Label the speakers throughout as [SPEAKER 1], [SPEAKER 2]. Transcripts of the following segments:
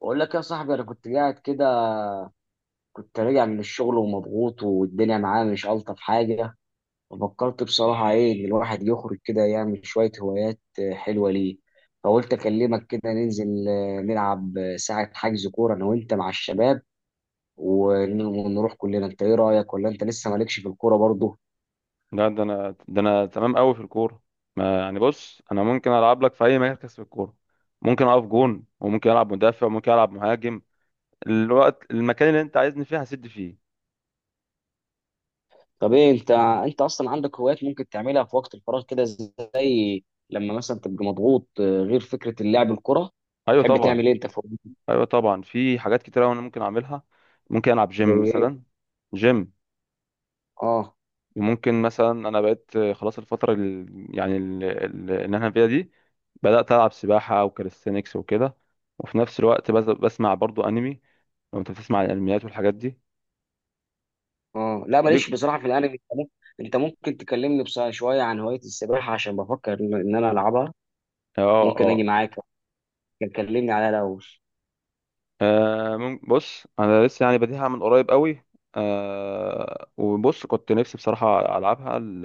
[SPEAKER 1] بقول لك يا صاحبي، انا كنت قاعد كده. كنت راجع من الشغل ومضغوط والدنيا معايا مش الطف حاجه. ففكرت بصراحه ايه ان الواحد يخرج كده يعمل شويه هوايات، حلوه ليه. فقلت اكلمك كده ننزل، نلعب، ساعه حجز كوره انا وانت مع الشباب. ونروح كلنا. انت ايه رايك؟ ولا انت لسه مالكش في الكوره برضه؟
[SPEAKER 2] لا، ده انا تمام قوي في الكوره. ما يعني، بص، انا ممكن العب لك في اي مركز في الكوره. ممكن اقف جون، وممكن العب مدافع، وممكن العب مهاجم. الوقت المكان اللي انت عايزني فيه هسد فيه.
[SPEAKER 1] طب ايه انت اصلا عندك هوايات ممكن تعملها في وقت الفراغ كده، زي لما مثلا تبقى مضغوط، غير فكره اللعب الكوره.
[SPEAKER 2] ايوه،
[SPEAKER 1] تحب
[SPEAKER 2] طبعا.
[SPEAKER 1] تعمل ايه انت
[SPEAKER 2] ايوه طبعا، في حاجات كتيره انا ممكن اعملها. ممكن العب
[SPEAKER 1] زي
[SPEAKER 2] جيم
[SPEAKER 1] ايه؟
[SPEAKER 2] مثلا. جيم.
[SPEAKER 1] اه،
[SPEAKER 2] وممكن مثلا انا بقيت، خلاص. الفتره يعني اللي انا فيها دي، بدات العب سباحه او كاليستينكس وكده. وفي نفس الوقت، بسمع برضو انمي. لو انت بتسمع عن الانميات والحاجات دي
[SPEAKER 1] اه. لا،
[SPEAKER 2] دي
[SPEAKER 1] ماليش بصراحه في الانمي. انت ممكن تكلمني بس شويه عن هوايه السباحه عشان بفكر ان انا العبها.
[SPEAKER 2] اه،
[SPEAKER 1] ممكن اجي
[SPEAKER 2] اه.
[SPEAKER 1] معاك؟ ممكن تكلمني عليها الاول؟
[SPEAKER 2] بص، انا لسه يعني بديها من قريب قوي. وبص، كنت نفسي بصراحه العبها،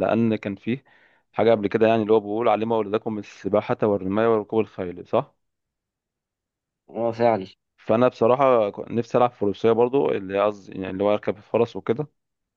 [SPEAKER 2] لان كان فيه حاجه قبل كده، يعني اللي هو بيقول علموا اولادكم السباحه والرمايه وركوب الخيل، صح؟
[SPEAKER 1] اه، فعلا.
[SPEAKER 2] فانا بصراحه كنت نفسي العب فروسيه برضو، اللي قصدي يعني اللي هو اركب الفرس وكده.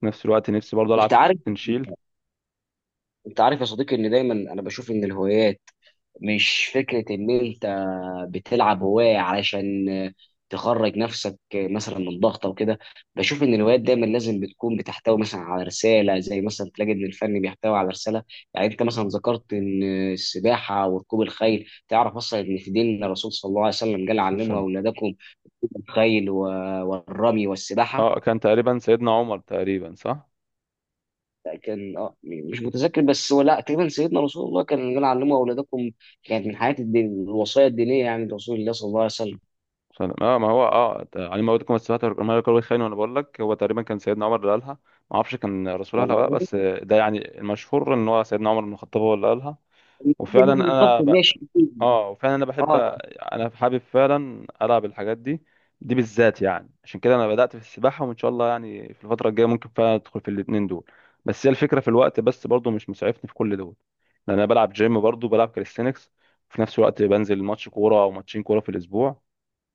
[SPEAKER 2] في نفس الوقت نفسي برضو
[SPEAKER 1] انت
[SPEAKER 2] العب
[SPEAKER 1] عارف
[SPEAKER 2] تنشيل
[SPEAKER 1] انت عارف يا صديقي ان دايما انا بشوف ان الهوايات مش فكرة إن أنت بتلعب هواية علشان تخرج نفسك مثلا من ضغط أو كده. بشوف إن الهوايات دايما لازم بتكون بتحتوي مثلا على رسالة، زي مثلا تلاقي إن الفن بيحتوي على رسالة. يعني أنت مثلا ذكرت إن السباحة وركوب الخيل، تعرف أصلا إن في دين الرسول صلى الله عليه وسلم، قال علموا
[SPEAKER 2] سلسلة.
[SPEAKER 1] أولادكم الخيل والرمي والسباحة.
[SPEAKER 2] اه، كان تقريبا سيدنا عمر تقريبا، صح؟
[SPEAKER 1] كان مش متذكر، بس هو لا، تقريبا سيدنا رسول الله كان قال علموا أولادكم. كانت من حياة الدين الوصايا الدينية، يعني لرسول الله صلى الله عليه وسلم.
[SPEAKER 2] سلام، اه، ما هو، اه، علم موتكم السبات ما يقال الخير، وانا بقول لك هو تقريبا كان سيدنا عمر اللي قالها. ما اعرفش كان رسول الله ولا لا،
[SPEAKER 1] والله
[SPEAKER 2] بس ده يعني المشهور ان هو سيدنا عمر بن الخطاب هو اللي قالها. وفعلا
[SPEAKER 1] نيجي نتفق،
[SPEAKER 2] انا
[SPEAKER 1] ماشي أكيد.
[SPEAKER 2] اه، وفعلا انا بحب،
[SPEAKER 1] اه،
[SPEAKER 2] انا حابب فعلا العب الحاجات دي، دي بالذات يعني. عشان كده انا بدأت في السباحة، وان شاء الله يعني في الفترة الجاية ممكن فعلا ادخل في الاتنين دول. بس هي الفكرة، في الوقت بس برضو مش مسعفني في كل دول، لان انا بلعب جيم، برضو بلعب كاليستينكس، وفي نفس الوقت بنزل ماتش كورة او ماتشين كورة في الاسبوع.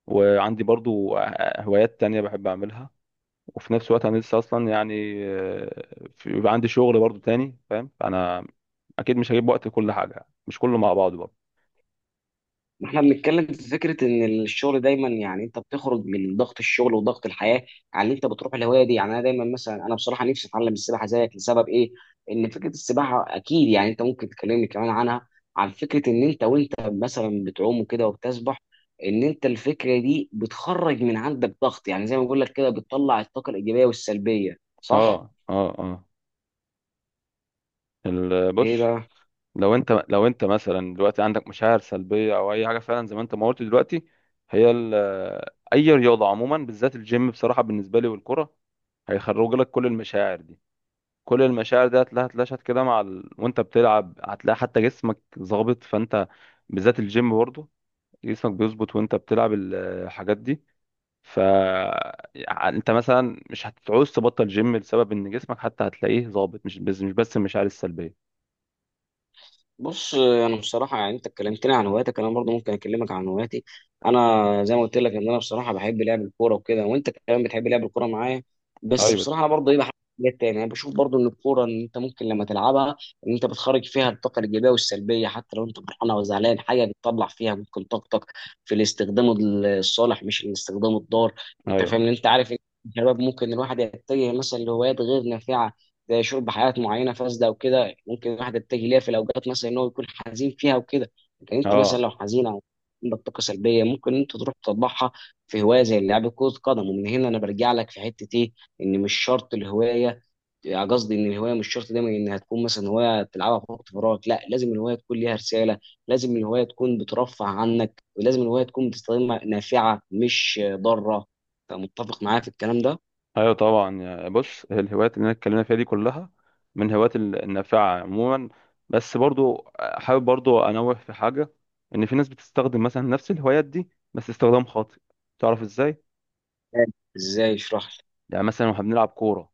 [SPEAKER 2] وعندي برضو هوايات تانية بحب أعملها. وفي نفس الوقت أنا لسه أصلا يعني بيبقى عندي شغل برضو تاني، فاهم؟ أنا أكيد مش هجيب وقت لكل حاجة، مش كله مع بعضه برضو.
[SPEAKER 1] احنا بنتكلم في فكره ان الشغل دايما، يعني انت بتخرج من ضغط الشغل وضغط الحياه، على ان انت بتروح الهوايه دي. يعني انا دايما مثلا، انا بصراحه نفسي اتعلم السباحه زيك، لسبب ايه؟ ان فكره السباحه اكيد، يعني انت ممكن تكلمني كمان عنها، عن فكره ان انت، وانت مثلا بتعوم وكده وبتسبح، ان انت الفكره دي بتخرج من عندك ضغط. يعني زي ما بقول لك كده، بتطلع الطاقه الايجابيه والسلبيه، صح؟
[SPEAKER 2] اه. أه أه أه بص،
[SPEAKER 1] ايه بقى؟
[SPEAKER 2] لو أنت مثلا دلوقتي عندك مشاعر سلبية أو أي حاجة فعلا زي ما أنت ما قلت دلوقتي. هي أي رياضة عموما، بالذات الجيم بصراحة، بالنسبة لي، والكرة، هيخرج لك كل المشاعر دي. كل المشاعر دي هتلاقيها اتلاشت كده وانت بتلعب، هتلاقي حتى جسمك ظابط، فانت بالذات الجيم برضه جسمك بيظبط وانت بتلعب الحاجات دي. ف يعني انت مثلا مش هتعوز تبطل جيم لسبب ان جسمك حتى هتلاقيه ظابط، مش بس المشاعر السلبية.
[SPEAKER 1] بص، انا بصراحه يعني انت اتكلمتني عن هواياتك، انا برضه ممكن اكلمك عن هواياتي. انا زي ما قلت لك ان انا بصراحه بحب لعب الكوره وكده، وانت كمان بتحب لعب الكوره معايا. بس
[SPEAKER 2] ايوه.
[SPEAKER 1] بصراحه انا برضه ايه، بحب حاجات تانية، يعني بشوف برضه ان الكوره ان انت ممكن لما تلعبها ان انت بتخرج فيها الطاقه الايجابيه والسلبيه، حتى لو انت فرحان او زعلان حاجه بتطلع فيها ممكن طاقتك، في الاستخدام الصالح مش الاستخدام الضار. انت
[SPEAKER 2] ايوه.
[SPEAKER 1] فاهم؟ ان انت عارف ان الشباب ممكن الواحد يتجه مثلا لهوايات غير نافعه، زي شرب حاجات معينه فاسده وكده، ممكن الواحد يتجه ليها في الاوقات مثلا ان هو يكون حزين فيها وكده. لكن انت مثلا
[SPEAKER 2] اه.
[SPEAKER 1] لو حزين او عندك طاقه سلبيه ممكن انت تروح تطبعها في هوايه زي لعب كره قدم. ومن هنا انا برجع لك في حته ايه، ان مش شرط الهوايه، قصدي ان الهوايه مش شرط دايما انها تكون مثلا هوايه تلعبها في وقت فراغ، لا، لازم الهوايه تكون ليها رساله، لازم الهوايه تكون بترفع عنك، ولازم الهوايه تكون بتستخدمها نافعه مش ضاره. فمتفق معايا في الكلام ده؟
[SPEAKER 2] ايوه طبعا، بص، الهوايات اللي انا اتكلمنا فيها دي كلها من الهوايات النافعه عموما. بس برضو حابب برضو انوه في حاجه، ان في ناس بتستخدم مثلا نفس الهوايات دي بس استخدام خاطئ. تعرف ازاي؟
[SPEAKER 1] ازاي؟ اشرح لي.
[SPEAKER 2] يعني مثلا، واحنا بنلعب كوره،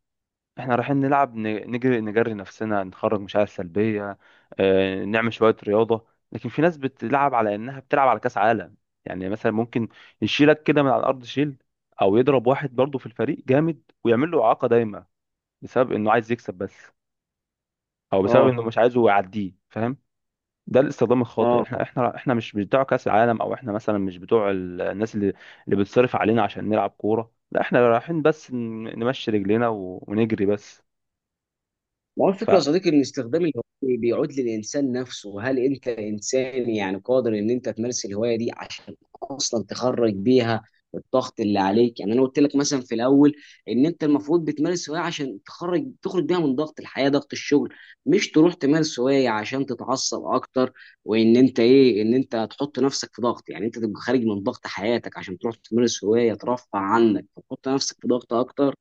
[SPEAKER 2] احنا رايحين نلعب، نجري، نجري نفسنا، نخرج مشاعر سلبيه، نعمل شويه رياضه. لكن في ناس بتلعب على انها بتلعب على كاس عالم، يعني مثلا ممكن يشيلك كده من على الارض شيل، او يضرب واحد برضو في الفريق جامد ويعمل له اعاقه دايما، بسبب انه عايز يكسب بس، او بسبب
[SPEAKER 1] اه،
[SPEAKER 2] انه مش عايزه يعديه، فاهم؟ ده الاستخدام الخاطئ.
[SPEAKER 1] اه.
[SPEAKER 2] احنا مش بتوع كاس العالم، او احنا مثلا مش بتوع الناس اللي بتصرف علينا عشان نلعب كوره. لا، احنا رايحين بس نمشي رجلينا ونجري بس.
[SPEAKER 1] ما هو الفكرة يا
[SPEAKER 2] ف
[SPEAKER 1] صديقي، إن استخدام الهواية بيعود للإنسان نفسه. هل أنت إنسان يعني قادر إن أنت تمارس الهواية دي عشان أصلا تخرج بيها الضغط اللي عليك؟ يعني أنا قلت لك مثلا في الأول إن أنت المفروض بتمارس هواية عشان تخرج بيها من ضغط الحياة، ضغط الشغل. مش تروح تمارس هواية عشان تتعصب أكتر. وإن أنت إيه، إن أنت تحط نفسك في ضغط. يعني أنت تبقى خارج من ضغط حياتك عشان تروح تمارس هواية ترفع عنك، فتحط نفسك في ضغط أكتر.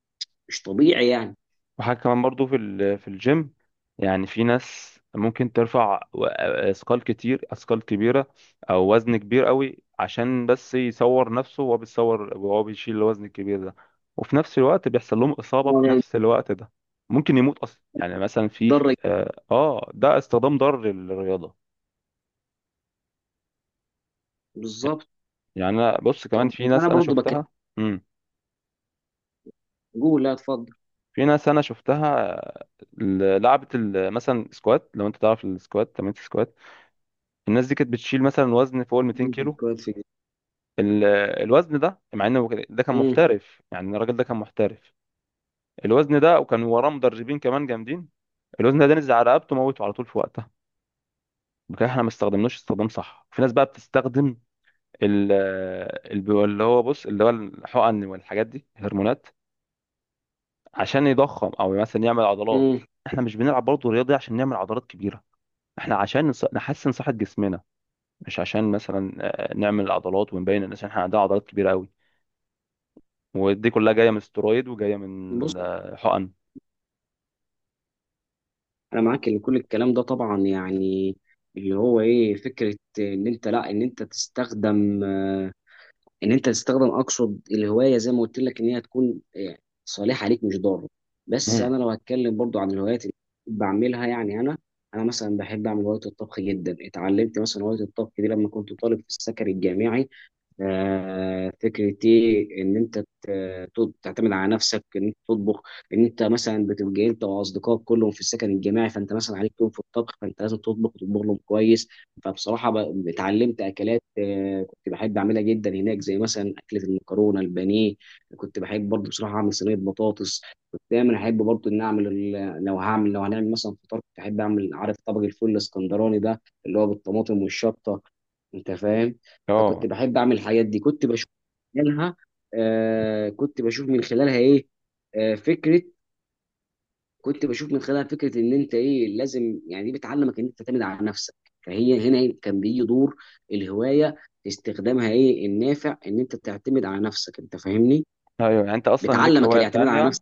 [SPEAKER 1] مش طبيعي يعني.
[SPEAKER 2] وحاجة كمان برضو في الجيم، يعني في ناس ممكن ترفع اثقال كتير، اثقال كبيرة، او وزن كبير قوي، عشان بس يصور نفسه، وهو بيصور وهو بيشيل الوزن الكبير ده، وفي نفس الوقت بيحصل لهم إصابة في
[SPEAKER 1] يعني
[SPEAKER 2] نفس الوقت ده. ممكن يموت اصلا، يعني مثلا في.
[SPEAKER 1] تضرك.
[SPEAKER 2] اه. ده استخدام ضار للرياضة.
[SPEAKER 1] بالظبط.
[SPEAKER 2] يعني انا، بص، كمان
[SPEAKER 1] طب
[SPEAKER 2] في ناس
[SPEAKER 1] انا
[SPEAKER 2] انا
[SPEAKER 1] برضو بكلمك.
[SPEAKER 2] شفتها. امم
[SPEAKER 1] قول، لا، اتفضل.
[SPEAKER 2] في ناس انا شفتها، لعبت مثلا سكوات. لو انت تعرف السكوات، تمرين السكوات، الناس دي كانت بتشيل مثلا وزن فوق ال 200 كيلو.
[SPEAKER 1] كويس في جديد.
[SPEAKER 2] ال- الوزن ده، مع انه ده كان
[SPEAKER 1] مم،
[SPEAKER 2] محترف، يعني الراجل ده كان محترف، الوزن ده، وكان وراه مدربين كمان جامدين، الوزن ده نزل على رقبته، موته على طول في وقتها. بكده احنا ما استخدمناش استخدام صح. في ناس بقى بتستخدم ال- اللي هو، بص، اللي هو الحقن والحاجات دي، الهرمونات، عشان يضخم او مثلا يعمل عضلات.
[SPEAKER 1] مم.
[SPEAKER 2] احنا مش بنلعب برضه رياضي عشان نعمل عضلات كبيره، احنا عشان نحسن صحه جسمنا، مش عشان مثلا نعمل عضلات ونبين للناس ان احنا عندنا عضلات كبيره قوي. ودي كلها جايه من سترويد، وجايه
[SPEAKER 1] بص،
[SPEAKER 2] من حقن.
[SPEAKER 1] انا معاك ان كل الكلام ده طبعا، يعني اللي هو ايه فكره ان انت، لا، ان انت تستخدم، ان انت تستخدم، اقصد الهوايه، زي ما قلت لك ان هي تكون صالحه ليك مش ضاره. بس
[SPEAKER 2] مم.
[SPEAKER 1] انا لو هتكلم برضو عن الهوايات اللي بعملها، يعني انا مثلا بحب اعمل هوايه الطبخ جدا. اتعلمت مثلا هوايه الطبخ دي لما كنت طالب في السكن الجامعي. فكرة إيه إن أنت تعتمد على نفسك، إن أنت تطبخ. إن أنت مثلا بتبقى أنت وأصدقائك كلهم في السكن الجماعي، فأنت مثلا عليك يوم في الطبخ، فأنت لازم تطبخ وتطبخ لهم كويس. فبصراحة اتعلمت أكلات، كنت بحب أعملها جدا هناك، زي مثلا أكلة المكرونة البانيه. كنت بحب برضه بصراحة أعمل صينية بطاطس. كنت دايما أحب برضه إن أعمل لو هنعمل مثلا فطار، كنت أحب أعمل، عارف طبق الفول الإسكندراني ده اللي هو بالطماطم والشطة. أنت فاهم؟ فكنت
[SPEAKER 2] اه.
[SPEAKER 1] بحب اعمل الحاجات دي. منها آه كنت بشوف من خلالها ايه آه فكره كنت بشوف من خلالها فكره ان انت ايه لازم، يعني دي بتعلمك ان انت تعتمد على نفسك. فهي هنا إيه، كان بيجي دور الهوايه في استخدامها ايه النافع، ان انت تعتمد على نفسك. انت فاهمني؟
[SPEAKER 2] ايوه يعني انت اصلا ليك
[SPEAKER 1] بتعلمك
[SPEAKER 2] هوايه
[SPEAKER 1] الاعتماد على
[SPEAKER 2] تانية
[SPEAKER 1] نفسك.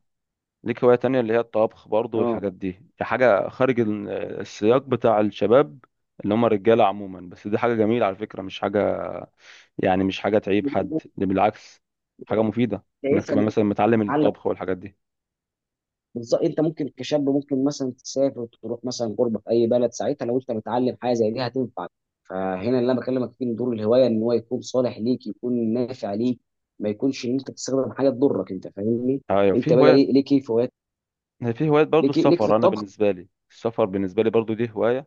[SPEAKER 2] ليك هوايه تانية اللي هي الطبخ برضو
[SPEAKER 1] اه،
[SPEAKER 2] والحاجات دي. دي حاجه خارج السياق بتاع الشباب، اللي هم الرجاله عموما. بس دي حاجه جميله على فكره، مش حاجه، يعني مش حاجه تعيب حد، دي بالعكس حاجه مفيده، انك
[SPEAKER 1] شايفها.
[SPEAKER 2] تبقى
[SPEAKER 1] ان
[SPEAKER 2] مثلا متعلم الطبخ والحاجات دي.
[SPEAKER 1] بالظبط، انت ممكن كشاب ممكن مثلا تسافر، تروح مثلا غربه في اي بلد، ساعتها لو انت متعلم حاجه زي دي هتنفعك. فهنا اللي انا بكلمك فيه، ان دور الهوايه ان هو يكون صالح ليك، يكون نافع ليك، ما يكونش ان انت تستخدم حاجه تضرك. انت فاهمني؟
[SPEAKER 2] ايوه
[SPEAKER 1] انت
[SPEAKER 2] في
[SPEAKER 1] بقى
[SPEAKER 2] هوايه
[SPEAKER 1] ليك ايه في هوايات؟
[SPEAKER 2] في هوايه برضو
[SPEAKER 1] ليك في
[SPEAKER 2] السفر. انا
[SPEAKER 1] الطبخ؟
[SPEAKER 2] بالنسبه لي، السفر بالنسبه لي برضو دي هوايه،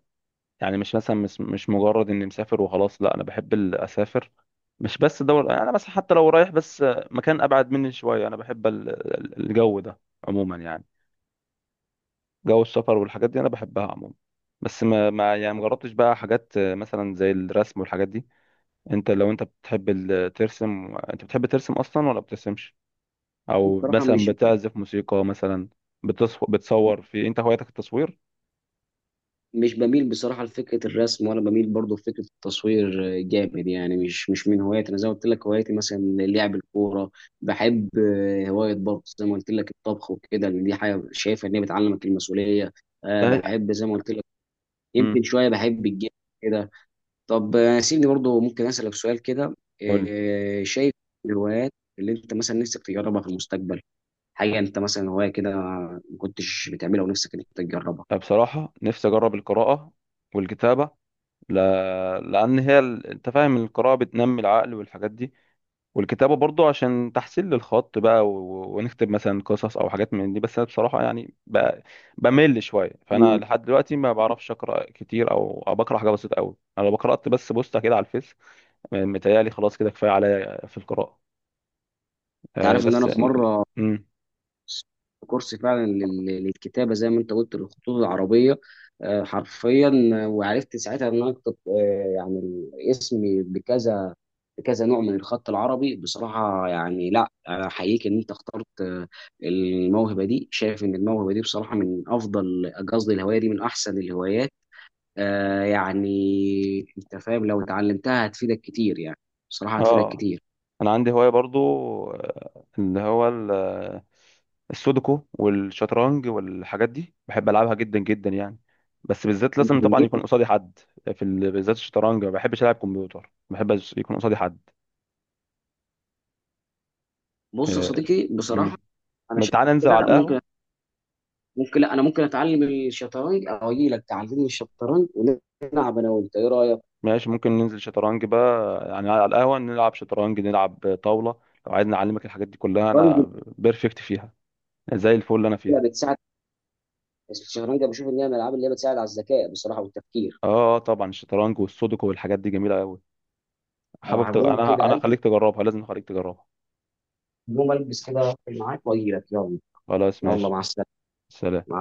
[SPEAKER 2] يعني مش مثلا، مش مجرد اني مسافر وخلاص. لا، انا بحب اسافر، مش بس دول، انا مثلا حتى لو رايح بس مكان ابعد مني شويه انا بحب الجو ده عموما، يعني جو السفر والحاجات دي انا بحبها عموما. بس ما يعني مجربتش بقى حاجات مثلا زي الرسم والحاجات دي. انت، لو انت بتحب ترسم، انت بتحب ترسم اصلا ولا بترسمش؟ او
[SPEAKER 1] بصراحه
[SPEAKER 2] مثلا
[SPEAKER 1] مش
[SPEAKER 2] بتعزف موسيقى مثلا، بتصور، في انت هوايتك التصوير؟
[SPEAKER 1] مش بميل بصراحة لفكرة الرسم، ولا بميل برضه لفكرة التصوير جامد يعني، مش من هواياتي. أنا زي ما قلت لك، هواياتي مثلا لعب الكورة. بحب هواية برضه زي ما قلت لك الطبخ وكده، لأن دي حاجة شايفة إن هي بتعلمك المسؤولية.
[SPEAKER 2] ده.
[SPEAKER 1] بحب زي ما قلت لك،
[SPEAKER 2] امم
[SPEAKER 1] يمكن شوية بحب الجيم كده. طب، سيبني برضه ممكن أسألك سؤال كده. شايف الهوايات اللي أنت مثلا نفسك تجربها في المستقبل، حاجة أنت مثلا هواية كده ما كنتش بتعملها ونفسك إنك تجربها.
[SPEAKER 2] بصراحة نفسي أجرب القراءة والكتابة، ل... لأن هي أنت فاهم، القراءة بتنمي العقل والحاجات دي، والكتابة برضو عشان تحسين للخط بقى، ونكتب مثلا قصص أو حاجات من دي. بس أنا بصراحة يعني بمل شوية، فأنا لحد دلوقتي ما بعرفش أقرأ كتير، أو بقرأ حاجة بسيطة أوي. أنا لو قرأت بس بوستة كده على الفيس متهيألي خلاص كده كفاية عليا في القراءة.
[SPEAKER 1] تعرف ان
[SPEAKER 2] بس
[SPEAKER 1] انا في مره
[SPEAKER 2] م-
[SPEAKER 1] كورس فعلا للكتابه زي ما انت قلت للخطوط العربيه، حرفيا. وعرفت ساعتها ان انا اكتب، يعني اسمي بكذا بكذا نوع من الخط العربي. بصراحه يعني، لا، انا احييك ان انت اخترت الموهبه دي. شايف ان الموهبه دي بصراحه من افضل، قصدي الهوايه دي من احسن الهوايات. يعني انت فاهم لو اتعلمتها هتفيدك كتير يعني. بصراحه هتفيدك
[SPEAKER 2] آه
[SPEAKER 1] كتير.
[SPEAKER 2] انا عندي هواية برضو، اللي هو السودوكو والشطرنج والحاجات دي بحب العبها جدا جدا يعني. بس بالذات
[SPEAKER 1] انت
[SPEAKER 2] لازم
[SPEAKER 1] في
[SPEAKER 2] طبعا
[SPEAKER 1] الجيش.
[SPEAKER 2] يكون قصادي حد، بالذات الشطرنج ما بحبش العب كمبيوتر، ما بحبش يكون قصادي حد.
[SPEAKER 1] بص يا
[SPEAKER 2] آه،
[SPEAKER 1] صديقي بصراحه،
[SPEAKER 2] مم.
[SPEAKER 1] انا
[SPEAKER 2] ما
[SPEAKER 1] شايف
[SPEAKER 2] تعالى ننزل على
[SPEAKER 1] كده،
[SPEAKER 2] القهوة.
[SPEAKER 1] ممكن لا، انا ممكن اتعلم الشطرنج، او اجي لك تعلمني الشطرنج، ونلعب انا وانت، ايه رايك؟
[SPEAKER 2] ماشي، ممكن ننزل شطرنج بقى، يعني على القهوة نلعب شطرنج، نلعب طاولة. لو عايزني اعلمك الحاجات دي كلها،
[SPEAKER 1] الشطرنج
[SPEAKER 2] انا بيرفكت فيها، زي الفل اللي انا فيها.
[SPEAKER 1] بتساعد الشطرنج بشوف ان هي من الالعاب اللي هي بتساعد على الذكاء بصراحه والتفكير.
[SPEAKER 2] اه. طبعا الشطرنج والسودوكو والحاجات دي جميلة قوي. حابب
[SPEAKER 1] هقوم كده
[SPEAKER 2] انا
[SPEAKER 1] قلب،
[SPEAKER 2] هخليك تجربها، لازم اخليك تجربها.
[SPEAKER 1] يوم البس كده، أقفل معاك واجي لك، يلا.
[SPEAKER 2] خلاص،
[SPEAKER 1] يلا،
[SPEAKER 2] ماشي.
[SPEAKER 1] مع السلامه.
[SPEAKER 2] سلام.
[SPEAKER 1] مع